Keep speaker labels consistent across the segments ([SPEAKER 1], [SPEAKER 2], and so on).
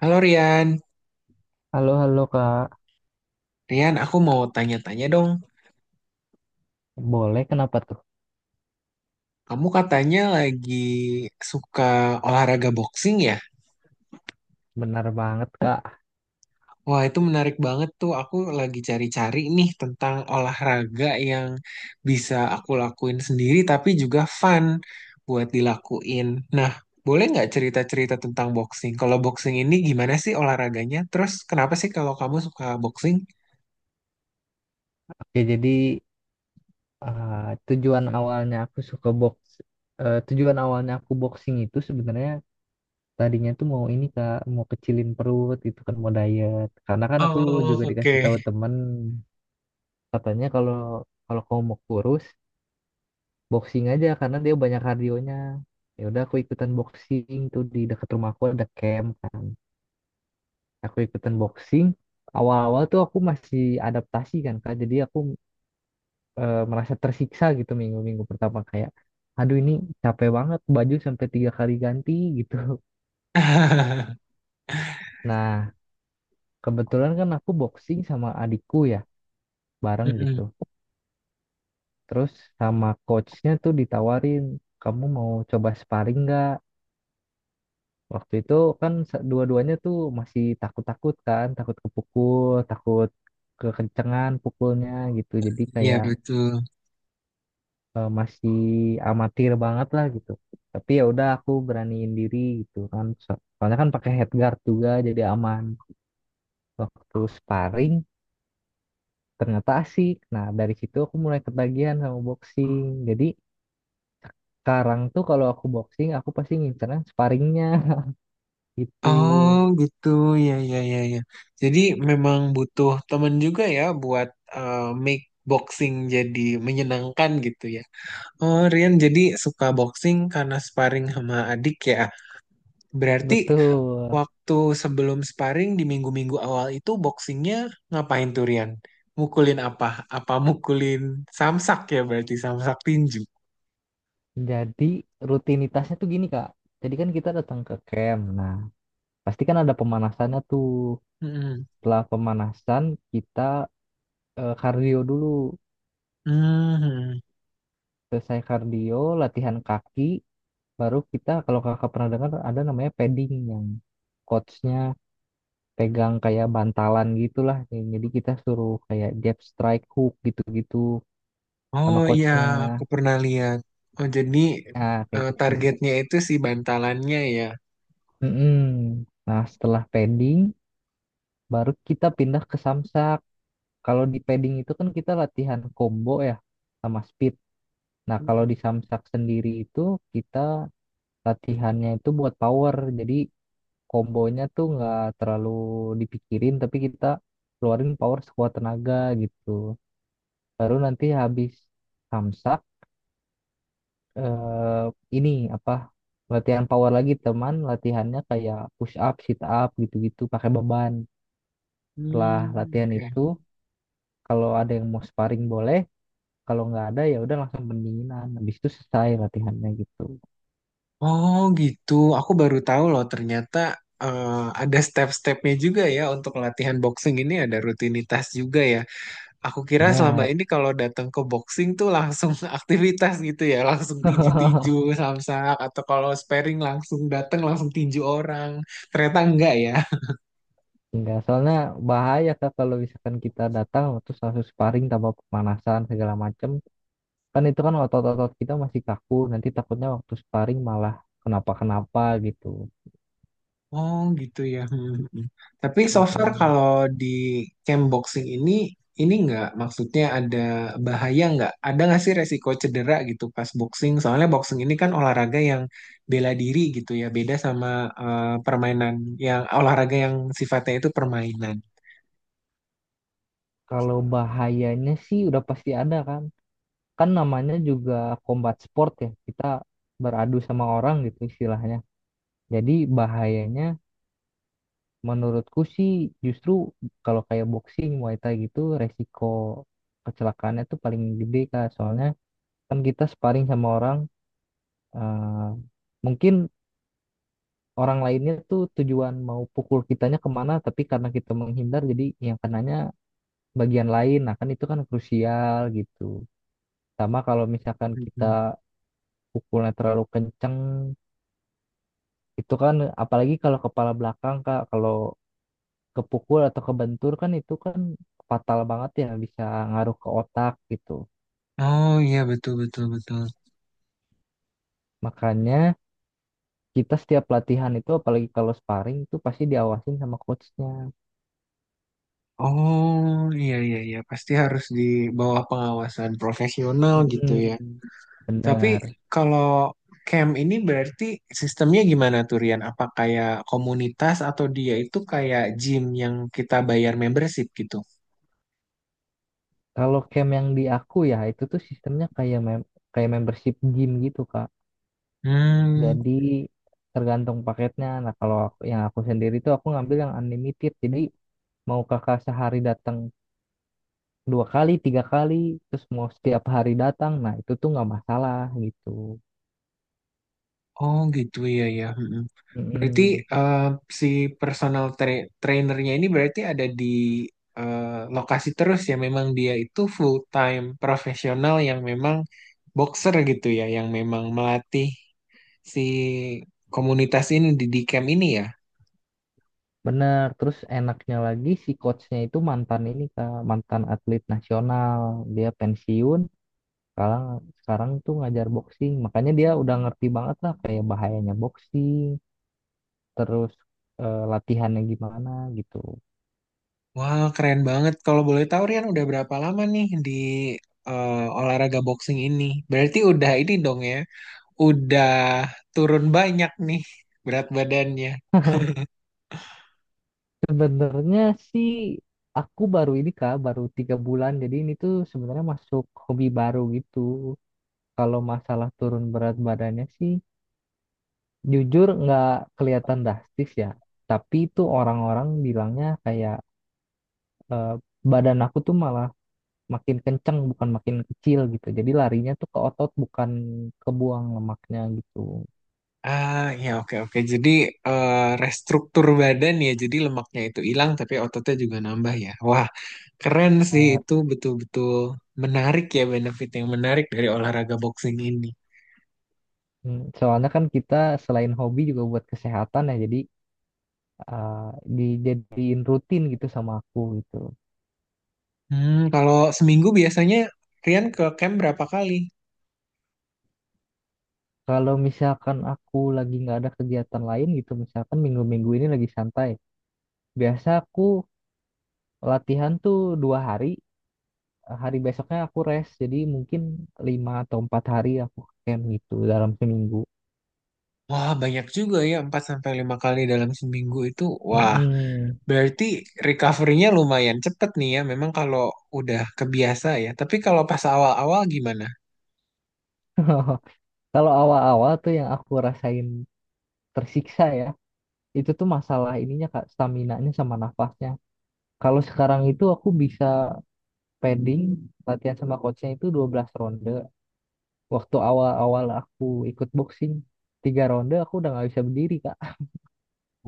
[SPEAKER 1] Halo Rian.
[SPEAKER 2] Halo, halo Kak.
[SPEAKER 1] Rian, aku mau tanya-tanya dong.
[SPEAKER 2] Boleh, kenapa tuh?
[SPEAKER 1] Kamu katanya lagi suka olahraga boxing ya?
[SPEAKER 2] Benar banget, Kak.
[SPEAKER 1] Wah, itu menarik banget tuh. Aku lagi cari-cari nih tentang olahraga yang bisa aku lakuin sendiri tapi juga fun buat dilakuin. Nah, boleh nggak cerita-cerita tentang boxing? Kalau boxing ini gimana sih olahraganya? Terus kenapa sih kalau kamu suka boxing?
[SPEAKER 2] Oke, jadi, eh, tujuan awalnya aku suka box, tujuan awalnya aku boxing itu sebenarnya tadinya tuh mau ini Kak, mau kecilin perut gitu kan, mau diet. Karena kan aku
[SPEAKER 1] Oh,
[SPEAKER 2] juga dikasih
[SPEAKER 1] oke.
[SPEAKER 2] tahu temen, katanya kalau kalau kamu mau kurus, boxing aja karena dia banyak kardionya. Ya udah aku ikutan boxing tuh di dekat rumahku ada camp kan. Aku ikutan boxing awal-awal tuh aku masih adaptasi kan kak, jadi aku merasa tersiksa gitu minggu-minggu pertama kayak aduh ini capek banget, baju sampai tiga kali ganti gitu. Nah, kebetulan kan aku boxing sama adikku ya, bareng
[SPEAKER 1] Mm-mm.
[SPEAKER 2] gitu, terus sama coachnya tuh ditawarin kamu mau coba sparring nggak. Waktu itu kan dua-duanya tuh masih takut-takut kan, takut kepukul, takut kekencengan pukulnya gitu, jadi
[SPEAKER 1] Iya,
[SPEAKER 2] kayak
[SPEAKER 1] betul.
[SPEAKER 2] masih amatir banget lah gitu. Tapi ya udah aku beraniin diri gitu kan. Soalnya kan pakai headguard juga, jadi aman. Waktu sparring ternyata asik. Nah, dari situ aku mulai ketagihan sama boxing. Jadi sekarang tuh kalau aku boxing aku pasti ngincernya sparringnya gitu.
[SPEAKER 1] Oh gitu, ya ya ya ya. Jadi memang butuh teman juga ya buat eh, make boxing jadi menyenangkan gitu ya. Oh, Rian jadi suka boxing karena sparring sama adik ya. Berarti
[SPEAKER 2] Betul.
[SPEAKER 1] waktu sebelum sparring di minggu-minggu awal itu boxingnya ngapain tuh, Rian? Mukulin apa? Apa mukulin samsak, ya berarti samsak tinju.
[SPEAKER 2] Jadi rutinitasnya tuh gini Kak. Jadi kan kita datang ke camp. Nah, pasti kan ada pemanasannya tuh.
[SPEAKER 1] Mm-mm.
[SPEAKER 2] Setelah pemanasan kita kardio dulu.
[SPEAKER 1] Mhm.
[SPEAKER 2] Selesai kardio, latihan kaki, baru kita kalau kakak pernah dengar ada namanya padding yang coachnya pegang kayak bantalan gitulah. Jadi kita suruh kayak jab strike hook gitu-gitu
[SPEAKER 1] Oh
[SPEAKER 2] sama
[SPEAKER 1] iya,
[SPEAKER 2] coachnya.
[SPEAKER 1] aku pernah lihat. Oh jadi,
[SPEAKER 2] Ah, kayak gitu.
[SPEAKER 1] targetnya itu si bantalannya ya.
[SPEAKER 2] Mm-mm. Nah, setelah padding, baru kita pindah ke samsak. Kalau di padding itu kan kita latihan combo ya sama speed. Nah, kalau
[SPEAKER 1] Hmm,
[SPEAKER 2] di samsak sendiri itu kita latihannya itu buat power. Jadi kombonya tuh nggak terlalu dipikirin, tapi kita keluarin power sekuat tenaga gitu. Baru nanti habis samsak eh, ini apa, latihan power lagi, teman latihannya kayak push up sit up gitu-gitu pakai beban. Setelah
[SPEAKER 1] hmm,
[SPEAKER 2] latihan
[SPEAKER 1] oke.
[SPEAKER 2] itu, kalau ada yang mau sparring boleh. Kalau nggak ada ya udah langsung pendinginan, habis itu selesai latihannya gitu.
[SPEAKER 1] Oh gitu. Aku baru tahu loh ternyata eh, ada step-stepnya juga ya untuk latihan boxing ini, ada rutinitas juga ya. Aku kira selama
[SPEAKER 2] Benar.
[SPEAKER 1] ini kalau datang ke boxing tuh langsung aktivitas gitu ya, langsung tinju-tinju samsak atau kalau sparring langsung datang langsung tinju orang. Ternyata enggak ya.
[SPEAKER 2] Enggak, soalnya bahaya kak kalau misalkan kita datang terus langsung sparring tanpa pemanasan segala macem. Kan itu kan otot-otot kita masih kaku, nanti takutnya waktu sparring malah kenapa-kenapa gitu.
[SPEAKER 1] Oh gitu ya. Hmm, hmm, hmm. Tapi so far
[SPEAKER 2] Mm,
[SPEAKER 1] kalau di camp boxing ini nggak maksudnya ada bahaya nggak? Ada nggak sih resiko cedera gitu pas boxing? Soalnya boxing ini kan olahraga yang bela diri gitu ya, beda sama permainan yang olahraga yang sifatnya itu permainan.
[SPEAKER 2] Kalau bahayanya sih udah pasti ada kan. Kan namanya juga combat sport ya, kita beradu sama orang gitu istilahnya. Jadi bahayanya menurutku sih justru kalau kayak boxing, Muay Thai gitu resiko kecelakaannya tuh paling gede kak. Soalnya kan kita sparring sama orang, eh, mungkin orang lainnya tuh tujuan mau pukul kitanya kemana, tapi karena kita menghindar jadi yang kenanya bagian lain. Nah kan itu kan krusial gitu. Sama kalau misalkan
[SPEAKER 1] Hmm,
[SPEAKER 2] kita
[SPEAKER 1] hmm.
[SPEAKER 2] pukulnya terlalu kenceng, itu kan apalagi kalau kepala belakang kak, kalau kepukul atau kebentur kan itu kan fatal banget ya, bisa ngaruh ke otak gitu.
[SPEAKER 1] Oh iya, betul betul betul.
[SPEAKER 2] Makanya kita setiap latihan itu apalagi kalau sparring itu pasti diawasin sama coachnya.
[SPEAKER 1] Oh iya iya iya, pasti harus di bawah pengawasan profesional gitu ya.
[SPEAKER 2] Mm-mm.
[SPEAKER 1] Tapi
[SPEAKER 2] Benar.
[SPEAKER 1] kalau camp ini berarti sistemnya gimana tuh, Rian? Apa kayak komunitas atau dia itu kayak gym yang kita bayar membership gitu?
[SPEAKER 2] Kalau camp yang di aku ya itu tuh sistemnya kayak membership gym gitu Kak.
[SPEAKER 1] Hmm,
[SPEAKER 2] Jadi tergantung paketnya. Nah kalau aku- yang aku sendiri tuh aku ngambil yang unlimited. Jadi mau kakak sehari datang dua kali, tiga kali, terus mau setiap hari datang, nah itu tuh nggak masalah gitu.
[SPEAKER 1] oh gitu ya ya. Mm-mm. Berarti
[SPEAKER 2] Mm-mm.
[SPEAKER 1] eh, si personal trainernya ini berarti ada di eh, lokasi terus ya. Memang dia itu full time profesional yang memang boxer gitu ya, yang memang melatih si komunitas ini di camp ini ya.
[SPEAKER 2] Benar. Terus enaknya lagi si coachnya itu mantan ini Kak, mantan atlet nasional. Dia pensiun. Sekarang sekarang tuh ngajar boxing, makanya dia udah ngerti banget lah kayak bahayanya boxing, terus latihannya gimana gitu.
[SPEAKER 1] Wah, keren banget. Kalau boleh tahu, Rian udah berapa lama nih di eh, olahraga boxing ini? Berarti udah ini dong ya, udah turun banyak nih berat badannya.
[SPEAKER 2] Sebenarnya sih aku baru ini kak, baru 3 bulan, jadi ini tuh sebenarnya masuk hobi baru gitu. Kalau masalah turun berat badannya sih jujur nggak kelihatan drastis ya, tapi itu orang-orang bilangnya kayak eh, badan aku tuh malah makin kenceng bukan makin kecil gitu, jadi larinya tuh ke otot bukan ke buang lemaknya gitu.
[SPEAKER 1] Ah, ya oke oke. Jadi eh, restruktur badan ya, jadi lemaknya itu hilang tapi ototnya juga nambah ya. Wah, keren sih
[SPEAKER 2] Benar.
[SPEAKER 1] itu betul-betul menarik ya, benefit yang menarik dari olahraga boxing ini.
[SPEAKER 2] Soalnya kan kita selain hobi juga buat kesehatan ya, jadi eh, dijadiin rutin gitu sama aku gitu.
[SPEAKER 1] Hmm, kalau seminggu biasanya Rian ke camp berapa kali?
[SPEAKER 2] Kalau misalkan aku lagi nggak ada kegiatan lain gitu, misalkan minggu-minggu ini lagi santai, biasa aku latihan tuh 2 hari, hari besoknya aku rest, jadi mungkin 5 atau 4 hari aku camp gitu dalam seminggu.
[SPEAKER 1] Wah, banyak juga ya, 4 sampai 5 kali dalam seminggu itu. Wah,
[SPEAKER 2] Mm-mm.
[SPEAKER 1] berarti recovery-nya lumayan cepet nih ya, memang kalau udah kebiasa ya. Tapi kalau pas awal-awal gimana?
[SPEAKER 2] Kalau awal-awal tuh yang aku rasain tersiksa ya, itu tuh masalah ininya Kak, staminanya sama nafasnya. Kalau sekarang itu aku bisa padding, latihan sama coachnya itu 12 ronde. Waktu awal-awal aku ikut boxing, 3 ronde aku udah nggak bisa berdiri Kak.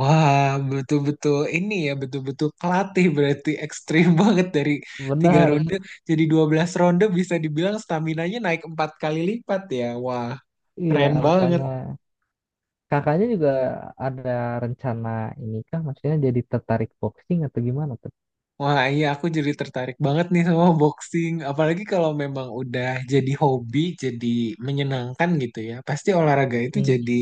[SPEAKER 1] Wah, betul-betul ini ya, betul-betul kelatih berarti ekstrim banget dari tiga
[SPEAKER 2] Benar,
[SPEAKER 1] ronde jadi 12 ronde, bisa dibilang stamina-nya naik 4 kali lipat ya. Wah.
[SPEAKER 2] iya
[SPEAKER 1] Keren banget.
[SPEAKER 2] makanya. Kakaknya juga ada rencana ini kah? Maksudnya jadi tertarik boxing atau gimana tuh?
[SPEAKER 1] Wah, iya aku jadi tertarik banget nih sama boxing. Apalagi kalau memang udah jadi hobi, jadi menyenangkan gitu ya. Pasti olahraga itu
[SPEAKER 2] Hmm,
[SPEAKER 1] jadi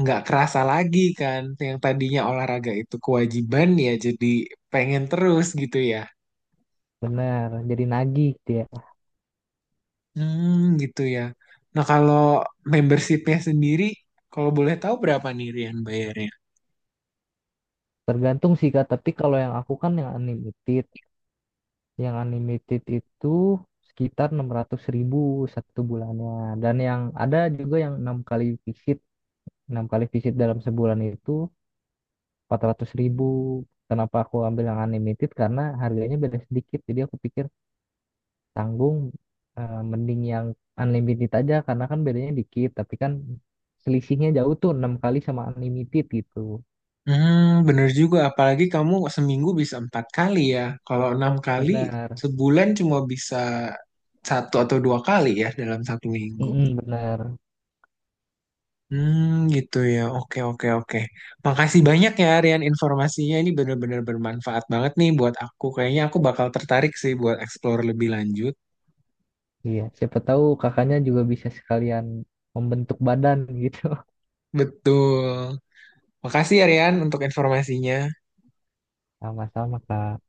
[SPEAKER 1] nggak kerasa lagi kan. Yang tadinya olahraga itu kewajiban ya, jadi pengen terus gitu ya.
[SPEAKER 2] Benar, jadi nagih dia.
[SPEAKER 1] Hmm, gitu ya. Nah, kalau membershipnya sendiri, kalau boleh tahu berapa nih Rian bayarnya?
[SPEAKER 2] Tergantung sih Kak, tapi kalau yang aku kan yang unlimited. Yang unlimited itu sekitar 600.000 satu bulannya. Dan yang ada juga yang 6 kali visit. 6 kali visit dalam sebulan itu 400.000. Kenapa aku ambil yang unlimited? Karena harganya beda sedikit. Jadi aku pikir tanggung, mending yang unlimited aja karena kan bedanya dikit. Tapi kan selisihnya jauh tuh 6 kali sama unlimited gitu.
[SPEAKER 1] Hmm, bener juga. Apalagi kamu seminggu bisa 4 kali ya. Kalau 6 kali,
[SPEAKER 2] Benar.
[SPEAKER 1] sebulan cuma bisa satu atau dua kali ya dalam satu minggu.
[SPEAKER 2] Mm-mm, benar.
[SPEAKER 1] Hmm, gitu ya. Oke, oke, oke. Makasih banyak ya, Rian, informasinya. Ini bener-bener bermanfaat banget nih buat aku. Kayaknya aku bakal tertarik sih buat explore lebih lanjut.
[SPEAKER 2] Iya, siapa tahu kakaknya juga bisa sekalian membentuk badan gitu.
[SPEAKER 1] Betul. Makasih ya, Rian, untuk informasinya.
[SPEAKER 2] Sama-sama, Kak.